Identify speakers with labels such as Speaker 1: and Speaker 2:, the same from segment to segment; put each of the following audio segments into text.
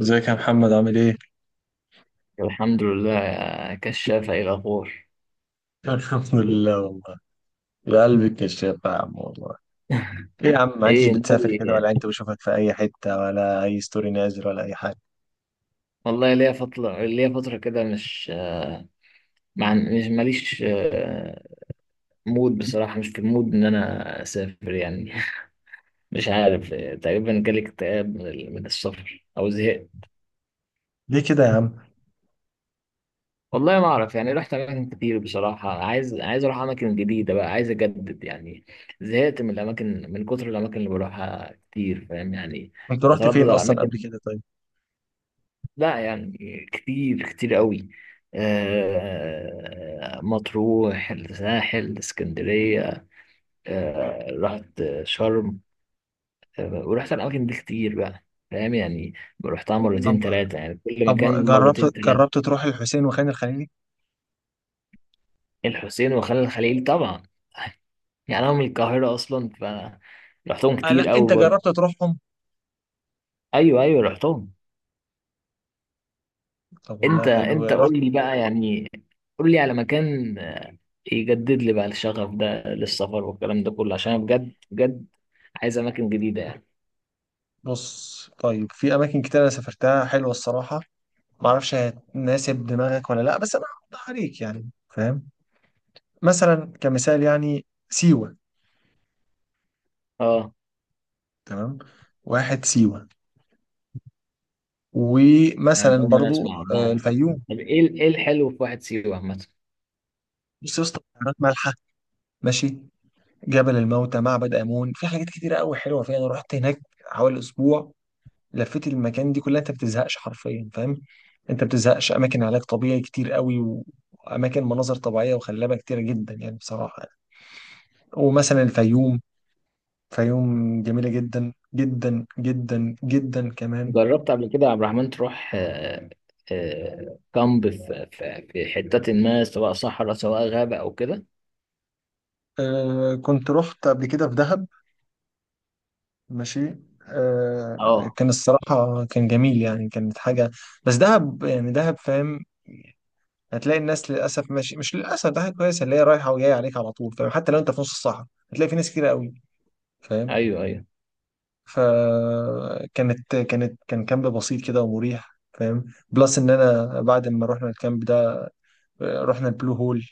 Speaker 1: ازيك يا محمد، عامل ايه؟
Speaker 2: الحمد لله يا كشافة، ايه الأخبار؟
Speaker 1: الحمد لله والله. يا قلبي الكشاف يا عم والله. ايه يا عم، ما انتش
Speaker 2: ايه
Speaker 1: بتسافر
Speaker 2: ناوي.
Speaker 1: كده، ولا انت بشوفك في اي حتة، ولا اي ستوري نازل، ولا اي حاجة؟
Speaker 2: والله ليا فترة كده، مش مع مش ماليش مود بصراحة. مش في المود إن أنا أسافر يعني. مش عارف. تقريبا جالي اكتئاب من السفر أو زهقت.
Speaker 1: ليه كده يا عم؟
Speaker 2: والله ما أعرف، يعني رحت أماكن كتير بصراحة. عايز أروح أماكن جديدة بقى، عايز أجدد يعني. زهقت من الأماكن من كتر الأماكن اللي بروحها كتير، فاهم يعني؟
Speaker 1: انت رحت
Speaker 2: بتردد
Speaker 1: فين
Speaker 2: على
Speaker 1: اصلا
Speaker 2: الأماكن،
Speaker 1: قبل كده طيب؟
Speaker 2: لا يعني كتير كتير قوي. مطروح، الساحل، اسكندرية. رحت شرم. ورحت الأماكن دي كتير بقى، فاهم يعني؟ رحتها مرتين،
Speaker 1: طب
Speaker 2: تلاتة، يعني كل مكان
Speaker 1: طب جربت
Speaker 2: مرتين تلاتة.
Speaker 1: جربت تروح الحسين وخان الخليلي؟
Speaker 2: الحسين وخان الخليل طبعا. يعني أنا من القاهرة أصلا، فرحتهم
Speaker 1: آه
Speaker 2: كتير
Speaker 1: لا،
Speaker 2: قوي
Speaker 1: انت
Speaker 2: برضه.
Speaker 1: جربت تروحهم؟
Speaker 2: أيوه أيوه، رحتهم.
Speaker 1: طب والله
Speaker 2: أنت
Speaker 1: حلو،
Speaker 2: أنت
Speaker 1: رحت.
Speaker 2: قول لي بقى يعني، قول لي على مكان يجدد لي بقى الشغف ده للسفر والكلام ده كله، عشان أنا بجد بجد عايز اماكن جديده يعني.
Speaker 1: بص طيب، في اماكن كتير انا سافرتها حلوة الصراحة. معرفش هتناسب دماغك ولا لا، بس انا هوضح عليك يعني، فاهم؟ مثلا كمثال يعني سيوة.
Speaker 2: اه،
Speaker 1: تمام. واحد سيوه.
Speaker 2: انا
Speaker 1: ومثلا
Speaker 2: دايما
Speaker 1: برضو
Speaker 2: اسمع عنها.
Speaker 1: الفيوم.
Speaker 2: طب ايه ايه الحلو في واحد سيوه عامه؟
Speaker 1: بص يا اسطى، بحيرات مالحه. ماشي. جبل الموتى، معبد امون، في حاجات كتيره قوي حلوه فيها. انا رحت هناك حوالي اسبوع، لفيت المكان دي كلها. انت ما بتزهقش حرفيا، فاهم؟ انت ما بتزهقش. اماكن علاج طبيعي كتير قوي، واماكن مناظر طبيعيه وخلابه كتيره جدا، يعني بصراحه يعني. ومثلا الفيوم، فيوم جميله جدا جدا جدا جدا كمان.
Speaker 2: جربت قبل كده يا عبد الرحمن تروح كامب في حتات، ما سواء صحراء سواء غابه او كده؟
Speaker 1: آه كنت رحت قبل كده في دهب. ماشي. آه
Speaker 2: اه.
Speaker 1: كان الصراحة كان جميل يعني، كانت حاجة. بس دهب يعني دهب، فاهم؟ هتلاقي الناس للأسف، ماشي مش للأسف، دهب كويسة، اللي هي رايحة وجاية عليك على طول، فاهم؟ حتى لو أنت في نص الصحراء هتلاقي في ناس كتير قوي، فاهم؟
Speaker 2: ايوه ايوه.
Speaker 1: فكانت كانت كان كامب بسيط كده ومريح، فاهم؟ بلس إن أنا بعد ما رحنا الكامب ده رحنا البلو هول.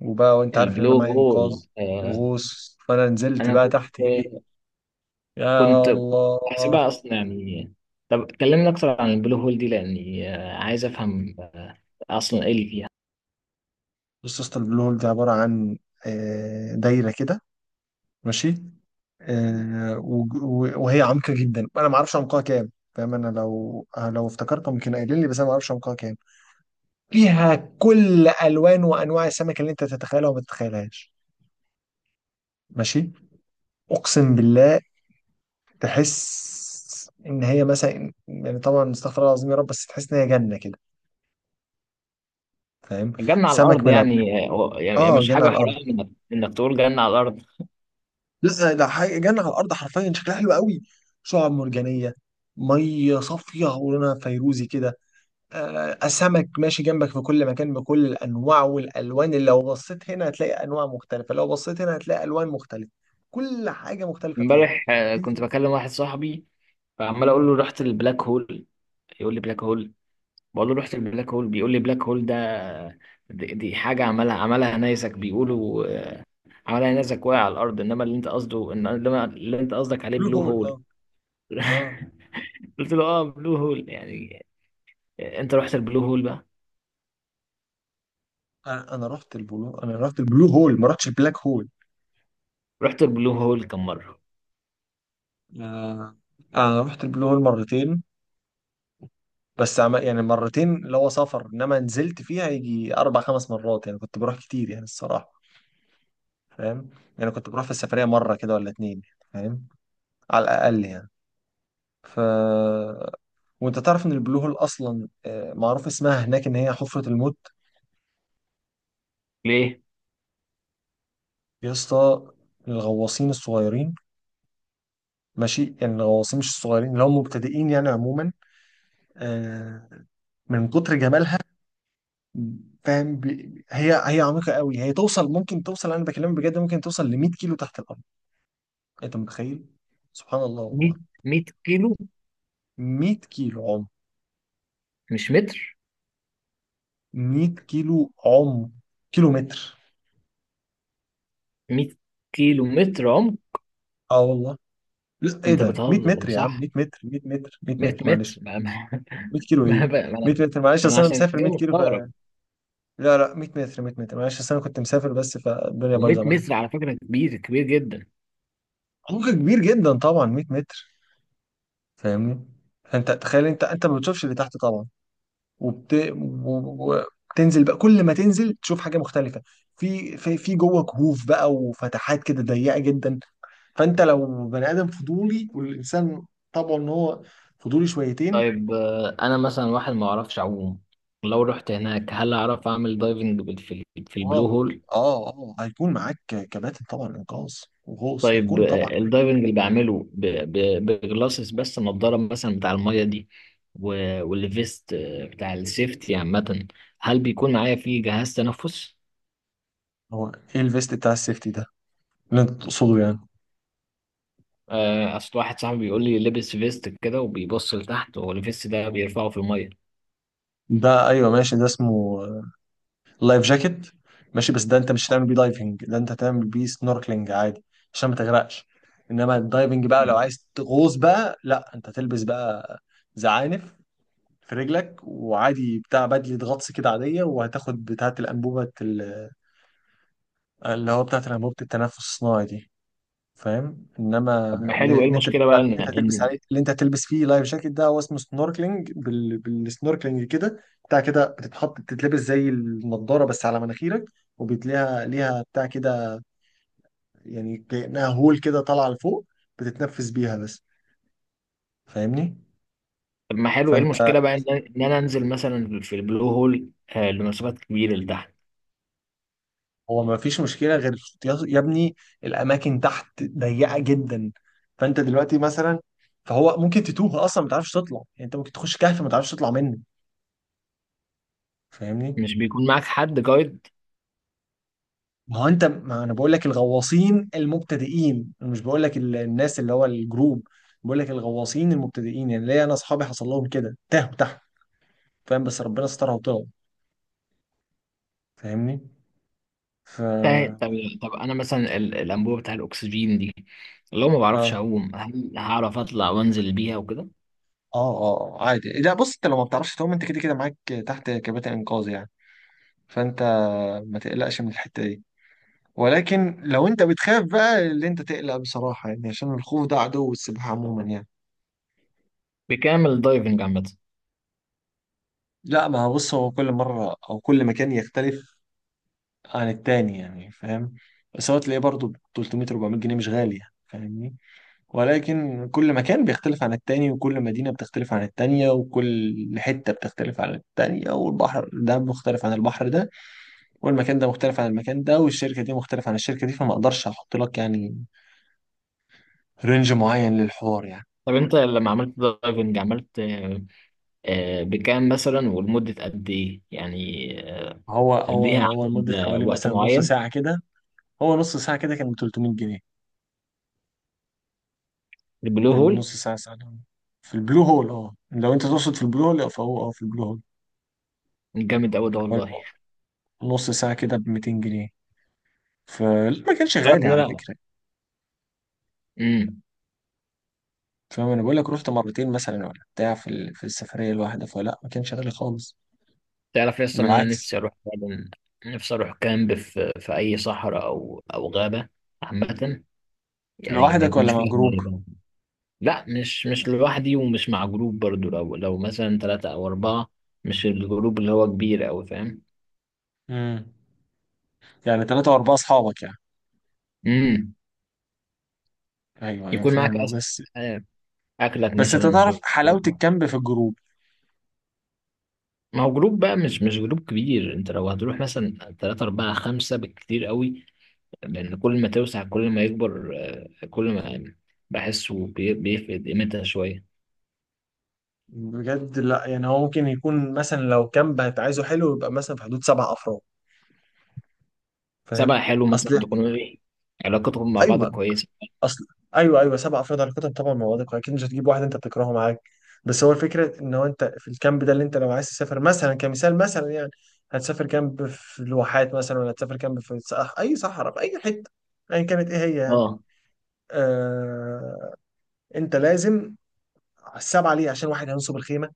Speaker 1: وبقى وأنت عارف إن أنا
Speaker 2: البلو
Speaker 1: معايا إنقاذ
Speaker 2: هول.
Speaker 1: وغوص، فأنا نزلت
Speaker 2: انا
Speaker 1: بقى تحت
Speaker 2: كنت
Speaker 1: إيه. يا
Speaker 2: كنت كنت
Speaker 1: الله.
Speaker 2: بحسبها اصلا يعني. طب كلمنا اكتر عن البلو هول دي، لاني عايز افهم اصلا ايه اللي فيها.
Speaker 1: بص يا اسطى، البلو هول ده عبارة عن دايرة كده. ماشي. وهي عمقة جدا، أنا ما أعرفش عمقها كام، فاهم؟ أنا لو لو افتكرت ممكن قايلين لي، بس أنا ما أعرفش عمقها كام. فيها كل ألوان وأنواع السمك اللي أنت تتخيلها وما تتخيلهاش. ماشي. أقسم بالله، تحس إن هي مثلا يعني، طبعا استغفر الله العظيم يا رب، بس تحس إن هي جنة كده، فاهم؟
Speaker 2: الجنة على
Speaker 1: سمك
Speaker 2: الأرض
Speaker 1: من الأول.
Speaker 2: يعني، يعني
Speaker 1: آه
Speaker 2: مش
Speaker 1: جنة
Speaker 2: حاجة
Speaker 1: على الأرض.
Speaker 2: حرام إنك تقول جنة على الأرض.
Speaker 1: لا ده حاجه جنه على الارض حرفيا، شكلها حلو قوي. شعاب مرجانيه، ميه صافيه ولونها فيروزي كده. سمك ماشي جنبك في كل مكان بكل الانواع والالوان، اللي لو بصيت هنا هتلاقي انواع مختلفه، لو بصيت هنا هتلاقي الوان مختلفه. كل حاجه مختلفه فيها.
Speaker 2: امبارح كنت
Speaker 1: تنزل.
Speaker 2: بكلم واحد صاحبي، فعمال أقول
Speaker 1: مم.
Speaker 2: له رحت البلاك هول، يقول لي بلاك هول. بقول له رحت البلاك هول، بيقول لي بلاك هول ده دي حاجة عملها نيزك، بيقولوا عملها نيزك واقع على الأرض. إنما اللي أنت قصده، إنما اللي أنت قصدك عليه
Speaker 1: بلو
Speaker 2: بلو
Speaker 1: هول اه.
Speaker 2: هول.
Speaker 1: اه
Speaker 2: قلت له اه، بلو هول يعني. أنت رحت البلو هول بقى؟
Speaker 1: أنا رحت البلو، انا رحت البلو هول، ما رحتش البلاك هول.
Speaker 2: رحت البلو هول كم مرة؟
Speaker 1: آه. انا رحت البلو هول مرتين. بس عم يعني مرتين اللي هو سفر، انما نزلت فيها يجي اربع خمس مرات يعني، كنت بروح كتير يعني الصراحه، فاهم؟ يعني كنت بروح في السفريه مره كده ولا اتنين، فاهم؟ على الاقل يعني. ف وانت تعرف ان البلو هول اصلا معروف اسمها هناك ان هي حفره الموت.
Speaker 2: ليه؟
Speaker 1: يا اسطى، الغواصين الصغيرين، ماشي يعني الغواصين مش الصغيرين، اللي هم مبتدئين يعني عموما، آه، من كتر جمالها، فاهم؟ هي عميقه قوي، هي توصل، ممكن توصل، انا بكلمك بجد ممكن توصل ل 100 كيلو تحت الارض. انت متخيل؟ سبحان الله
Speaker 2: 100؟
Speaker 1: والله.
Speaker 2: 100 كيلو
Speaker 1: 100 كيلو عمق.
Speaker 2: مش متر؟
Speaker 1: 100 كيلو عمق، كيلو متر.
Speaker 2: 100 كيلو متر عمق؟
Speaker 1: اه والله. لا ايه
Speaker 2: انت
Speaker 1: ده 100
Speaker 2: بتهزر،
Speaker 1: متر يا عم،
Speaker 2: صح؟
Speaker 1: 100 متر، 100 متر 100
Speaker 2: 100
Speaker 1: متر
Speaker 2: متر.
Speaker 1: معلش. 100 كيلو ايه،
Speaker 2: ما, ما,
Speaker 1: 100
Speaker 2: أنا-
Speaker 1: متر معلش،
Speaker 2: ما انا
Speaker 1: اصل انا
Speaker 2: عشان
Speaker 1: مسافر
Speaker 2: كده
Speaker 1: 100 كيلو ف.
Speaker 2: مستغرب.
Speaker 1: لا لا 100 متر، 100 متر معلش، اصل انا كنت مسافر بس، فالدنيا بايظه
Speaker 2: و100
Speaker 1: معايا.
Speaker 2: متر على فكرة كبير كبير جدا.
Speaker 1: عمق كبير جدا طبعا 100 متر. فاهمني؟ فانت تخيل، انت ما بتشوفش اللي تحت طبعا. وبت... و- وبتنزل بقى، كل ما تنزل تشوف حاجه مختلفه. في جوه كهوف بقى وفتحات كده ضيقه جدا. فانت لو بني ادم فضولي، والانسان طبعا ان هو فضولي شويتين.
Speaker 2: طيب، انا مثلا واحد ما اعرفش اعوم، لو رحت هناك هل اعرف اعمل دايفنج في البلو
Speaker 1: اه.
Speaker 2: هول؟
Speaker 1: اه اه، هيكون معاك كباتن طبعا انقاذ وغوص
Speaker 2: طيب
Speaker 1: هيكون طبعا.
Speaker 2: الدايفنج اللي بعمله بجلاسس بس، النضاره مثلا بتاع المية دي والفيست بتاع السيفتي عامة، هل بيكون معايا فيه جهاز تنفس؟
Speaker 1: هو ايه الفيست بتاع السيفتي ده اللي انت تقصده يعني؟
Speaker 2: اصل واحد صاحبي بيقول لي لبس فيست كده وبيبص لتحت، هو الفيست ده بيرفعه في الميه.
Speaker 1: ده ايوه ماشي، ده اسمه لايف جاكيت. ماشي، بس ده انت مش هتعمل بيه دايفنج، ده انت هتعمل بيه سنوركلينج عادي، عشان ما تغرقش. انما الدايفنج بقى لو
Speaker 2: مم.
Speaker 1: عايز تغوص بقى، لا انت تلبس بقى زعانف في رجلك، وعادي بتاع بدلة غطس كده عادية، وهتاخد بتاعة الأنبوبة اللي هو بتاعة الأنبوبة التنفس الصناعي دي، فاهم؟ انما
Speaker 2: طب ما حلو
Speaker 1: اللي
Speaker 2: ايه
Speaker 1: اللي انت
Speaker 2: المشكله
Speaker 1: بتقول
Speaker 2: بقى
Speaker 1: عليه،
Speaker 2: ان
Speaker 1: اللي انت هتلبس
Speaker 2: ان
Speaker 1: عليه، اللي انت هتلبس فيه لايف جاكيت ده، هو اسمه سنوركلينج بالسنوركلينج كده. بتاع كده، بتتحط بتتلبس زي النضارة بس على مناخيرك، وبتلاقيها ليها بتاع كده، يعني كأنها هول كده طالعة لفوق، بتتنفس بيها بس. فاهمني؟
Speaker 2: طب ما حلو ايه
Speaker 1: فانت،
Speaker 2: المشكله بقى ان انا انزل مثلا في البلو هول لمسافات كبيره لتحت.
Speaker 1: هو ما فيش مشكلة غير، يا ابني، الأماكن تحت ضيقة جدا. فأنت دلوقتي مثلا، فهو ممكن تتوه أصلا، ما تعرفش تطلع، يعني أنت ممكن تخش كهف ما تعرفش تطلع منه. فاهمني؟
Speaker 2: مش بيكون معاك حد جايد؟
Speaker 1: ما هو أنت، ما أنا بقول لك الغواصين المبتدئين، أنا مش بقول لك الناس اللي هو الجروب، بقول لك الغواصين المبتدئين يعني. ليا أنا أصحابي حصل لهم كده، تاهوا تحت، فاهم؟ بس ربنا سترها وطلعوا. فاهمني؟ ف
Speaker 2: طب
Speaker 1: آه.
Speaker 2: طب انا مثلا الانبوبه بتاع الاكسجين دي، لو ما بعرفش
Speaker 1: اه.
Speaker 2: اعوم هل هعرف اطلع وانزل بيها وكده؟
Speaker 1: اه عادي، لا بص، انت لو ما بتعرفش تعوم انت كده كده معاك تحت كباتن انقاذ يعني، فانت ما تقلقش من الحتة دي. ولكن لو انت بتخاف بقى، اللي انت تقلق بصراحة يعني، عشان الخوف ده عدو السباحة عموما يعني.
Speaker 2: بكامل دايفنج عامه؟
Speaker 1: لا ما هو بص، هو كل مرة او كل مكان يختلف عن التاني يعني، فاهم؟ بس هو تلاقيه برضه ب 300 400 جنيه، مش غالي يعني، فاهمني؟ ولكن كل مكان بيختلف عن التاني، وكل مدينة بتختلف عن التانية، وكل حتة بتختلف عن التانية، والبحر ده مختلف عن البحر ده، والمكان ده مختلف عن المكان ده، والشركة دي مختلفة عن الشركة دي، فما اقدرش احط لك يعني رينج معين للحوار يعني.
Speaker 2: طب انت لما عملت دايفنج عملت بكام مثلا ولمده قد ايه يعني؟
Speaker 1: هو هو
Speaker 2: ليها
Speaker 1: هو
Speaker 2: عدد
Speaker 1: لمدة حوالي
Speaker 2: وقت
Speaker 1: مثلا نص
Speaker 2: معين؟
Speaker 1: ساعة كده. هو نص ساعة كده كان ب 300 جنيه.
Speaker 2: البلو
Speaker 1: يعني
Speaker 2: هول
Speaker 1: نص ساعة، ساعة. في البلو هول اه، لو انت تقصد في البلو هول فهو اه، في البلو هول
Speaker 2: جامد قوي ده والله.
Speaker 1: حوالي نص ساعة كده ب 200 جنيه. فما كانش
Speaker 2: تعرف
Speaker 1: غالي
Speaker 2: ان
Speaker 1: على
Speaker 2: انا
Speaker 1: فكرة.
Speaker 2: امم
Speaker 1: فاهم انا بقول لك رحت مرتين مثلا ولا بتاع في السفرية الواحدة، فلا ما كانش غالي خالص.
Speaker 2: تعرف اصلا ان انا
Speaker 1: بالعكس.
Speaker 2: نفسي اروح فعلا. نفسي اروح كامب في اي صحراء او غابه عامه، يعني ما
Speaker 1: لوحدك
Speaker 2: يكونش
Speaker 1: ولا مع
Speaker 2: فيها
Speaker 1: جروب؟
Speaker 2: ميه بقى. لا مش لوحدي ومش مع جروب برضو. لو مثلا ثلاثه او اربعه، مش الجروب اللي هو كبير قوي، فاهم؟
Speaker 1: امم. يعني ثلاثة وأربعة أصحابك يعني.
Speaker 2: امم
Speaker 1: أيوه أيوه
Speaker 2: يكون معاك
Speaker 1: فاهمك.
Speaker 2: أس...
Speaker 1: بس
Speaker 2: آه، اكلك
Speaker 1: بس أنت
Speaker 2: مثلا،
Speaker 1: تعرف حلاوة
Speaker 2: شربة.
Speaker 1: الكامب في الجروب،
Speaker 2: ما هو جروب بقى، مش جروب كبير. انت لو هتروح مثلا ثلاثة أربعة خمسة بالكتير قوي، لأن كل ما توسع كل ما يكبر. كل ما بحسه بيفقد قيمتها شوية.
Speaker 1: بجد. لا يعني هو ممكن يكون مثلا لو كامب هتعايزه حلو يبقى مثلا في حدود سبع افراد،
Speaker 2: سبع
Speaker 1: فاهم؟
Speaker 2: حلو، مثلا
Speaker 1: اصل.
Speaker 2: تكون ايه علاقتهم مع بعض
Speaker 1: ايوه.
Speaker 2: كويسة.
Speaker 1: اصل. ايوه ايوه، سبع افراد هناخدهم طبعا مع بعضك، اكيد مش هتجيب واحد انت بتكرهه معاك. بس هو الفكره ان هو انت في الكامب ده، اللي انت لو عايز تسافر مثلا كمثال مثلا يعني، هتسافر كامب في الواحات مثلا، ولا هتسافر كامب اي صحراء في اي حته ايا كانت ايه هي يعني.
Speaker 2: اه،
Speaker 1: آه، انت لازم السبعه ليه؟ عشان واحد هينصب الخيمه،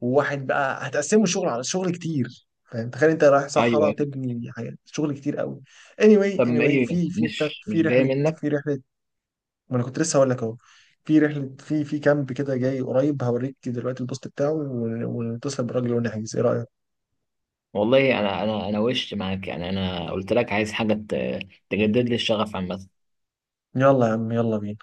Speaker 1: وواحد بقى هتقسموا الشغل، على شغل كتير، فاهم؟ تخيل انت رايح
Speaker 2: ايوه
Speaker 1: صحراء
Speaker 2: ايوه.
Speaker 1: تبني حاجات، شغل كتير قوي. anyway
Speaker 2: طب ما
Speaker 1: anyway
Speaker 2: ايه؟ مش
Speaker 1: في
Speaker 2: مش جاية
Speaker 1: رحله
Speaker 2: منك.
Speaker 1: في رحله ما انا كنت لسه هقول لك اهو، في رحله، في كامب كده جاي قريب، هوريك دلوقتي البوست بتاعه ونتصل بالراجل ونحجز، ايه رايك؟
Speaker 2: والله انا وش معاك يعني، انا قلت لك عايز حاجة تجدد لي الشغف عامة.
Speaker 1: يلا يا عم يلا بينا.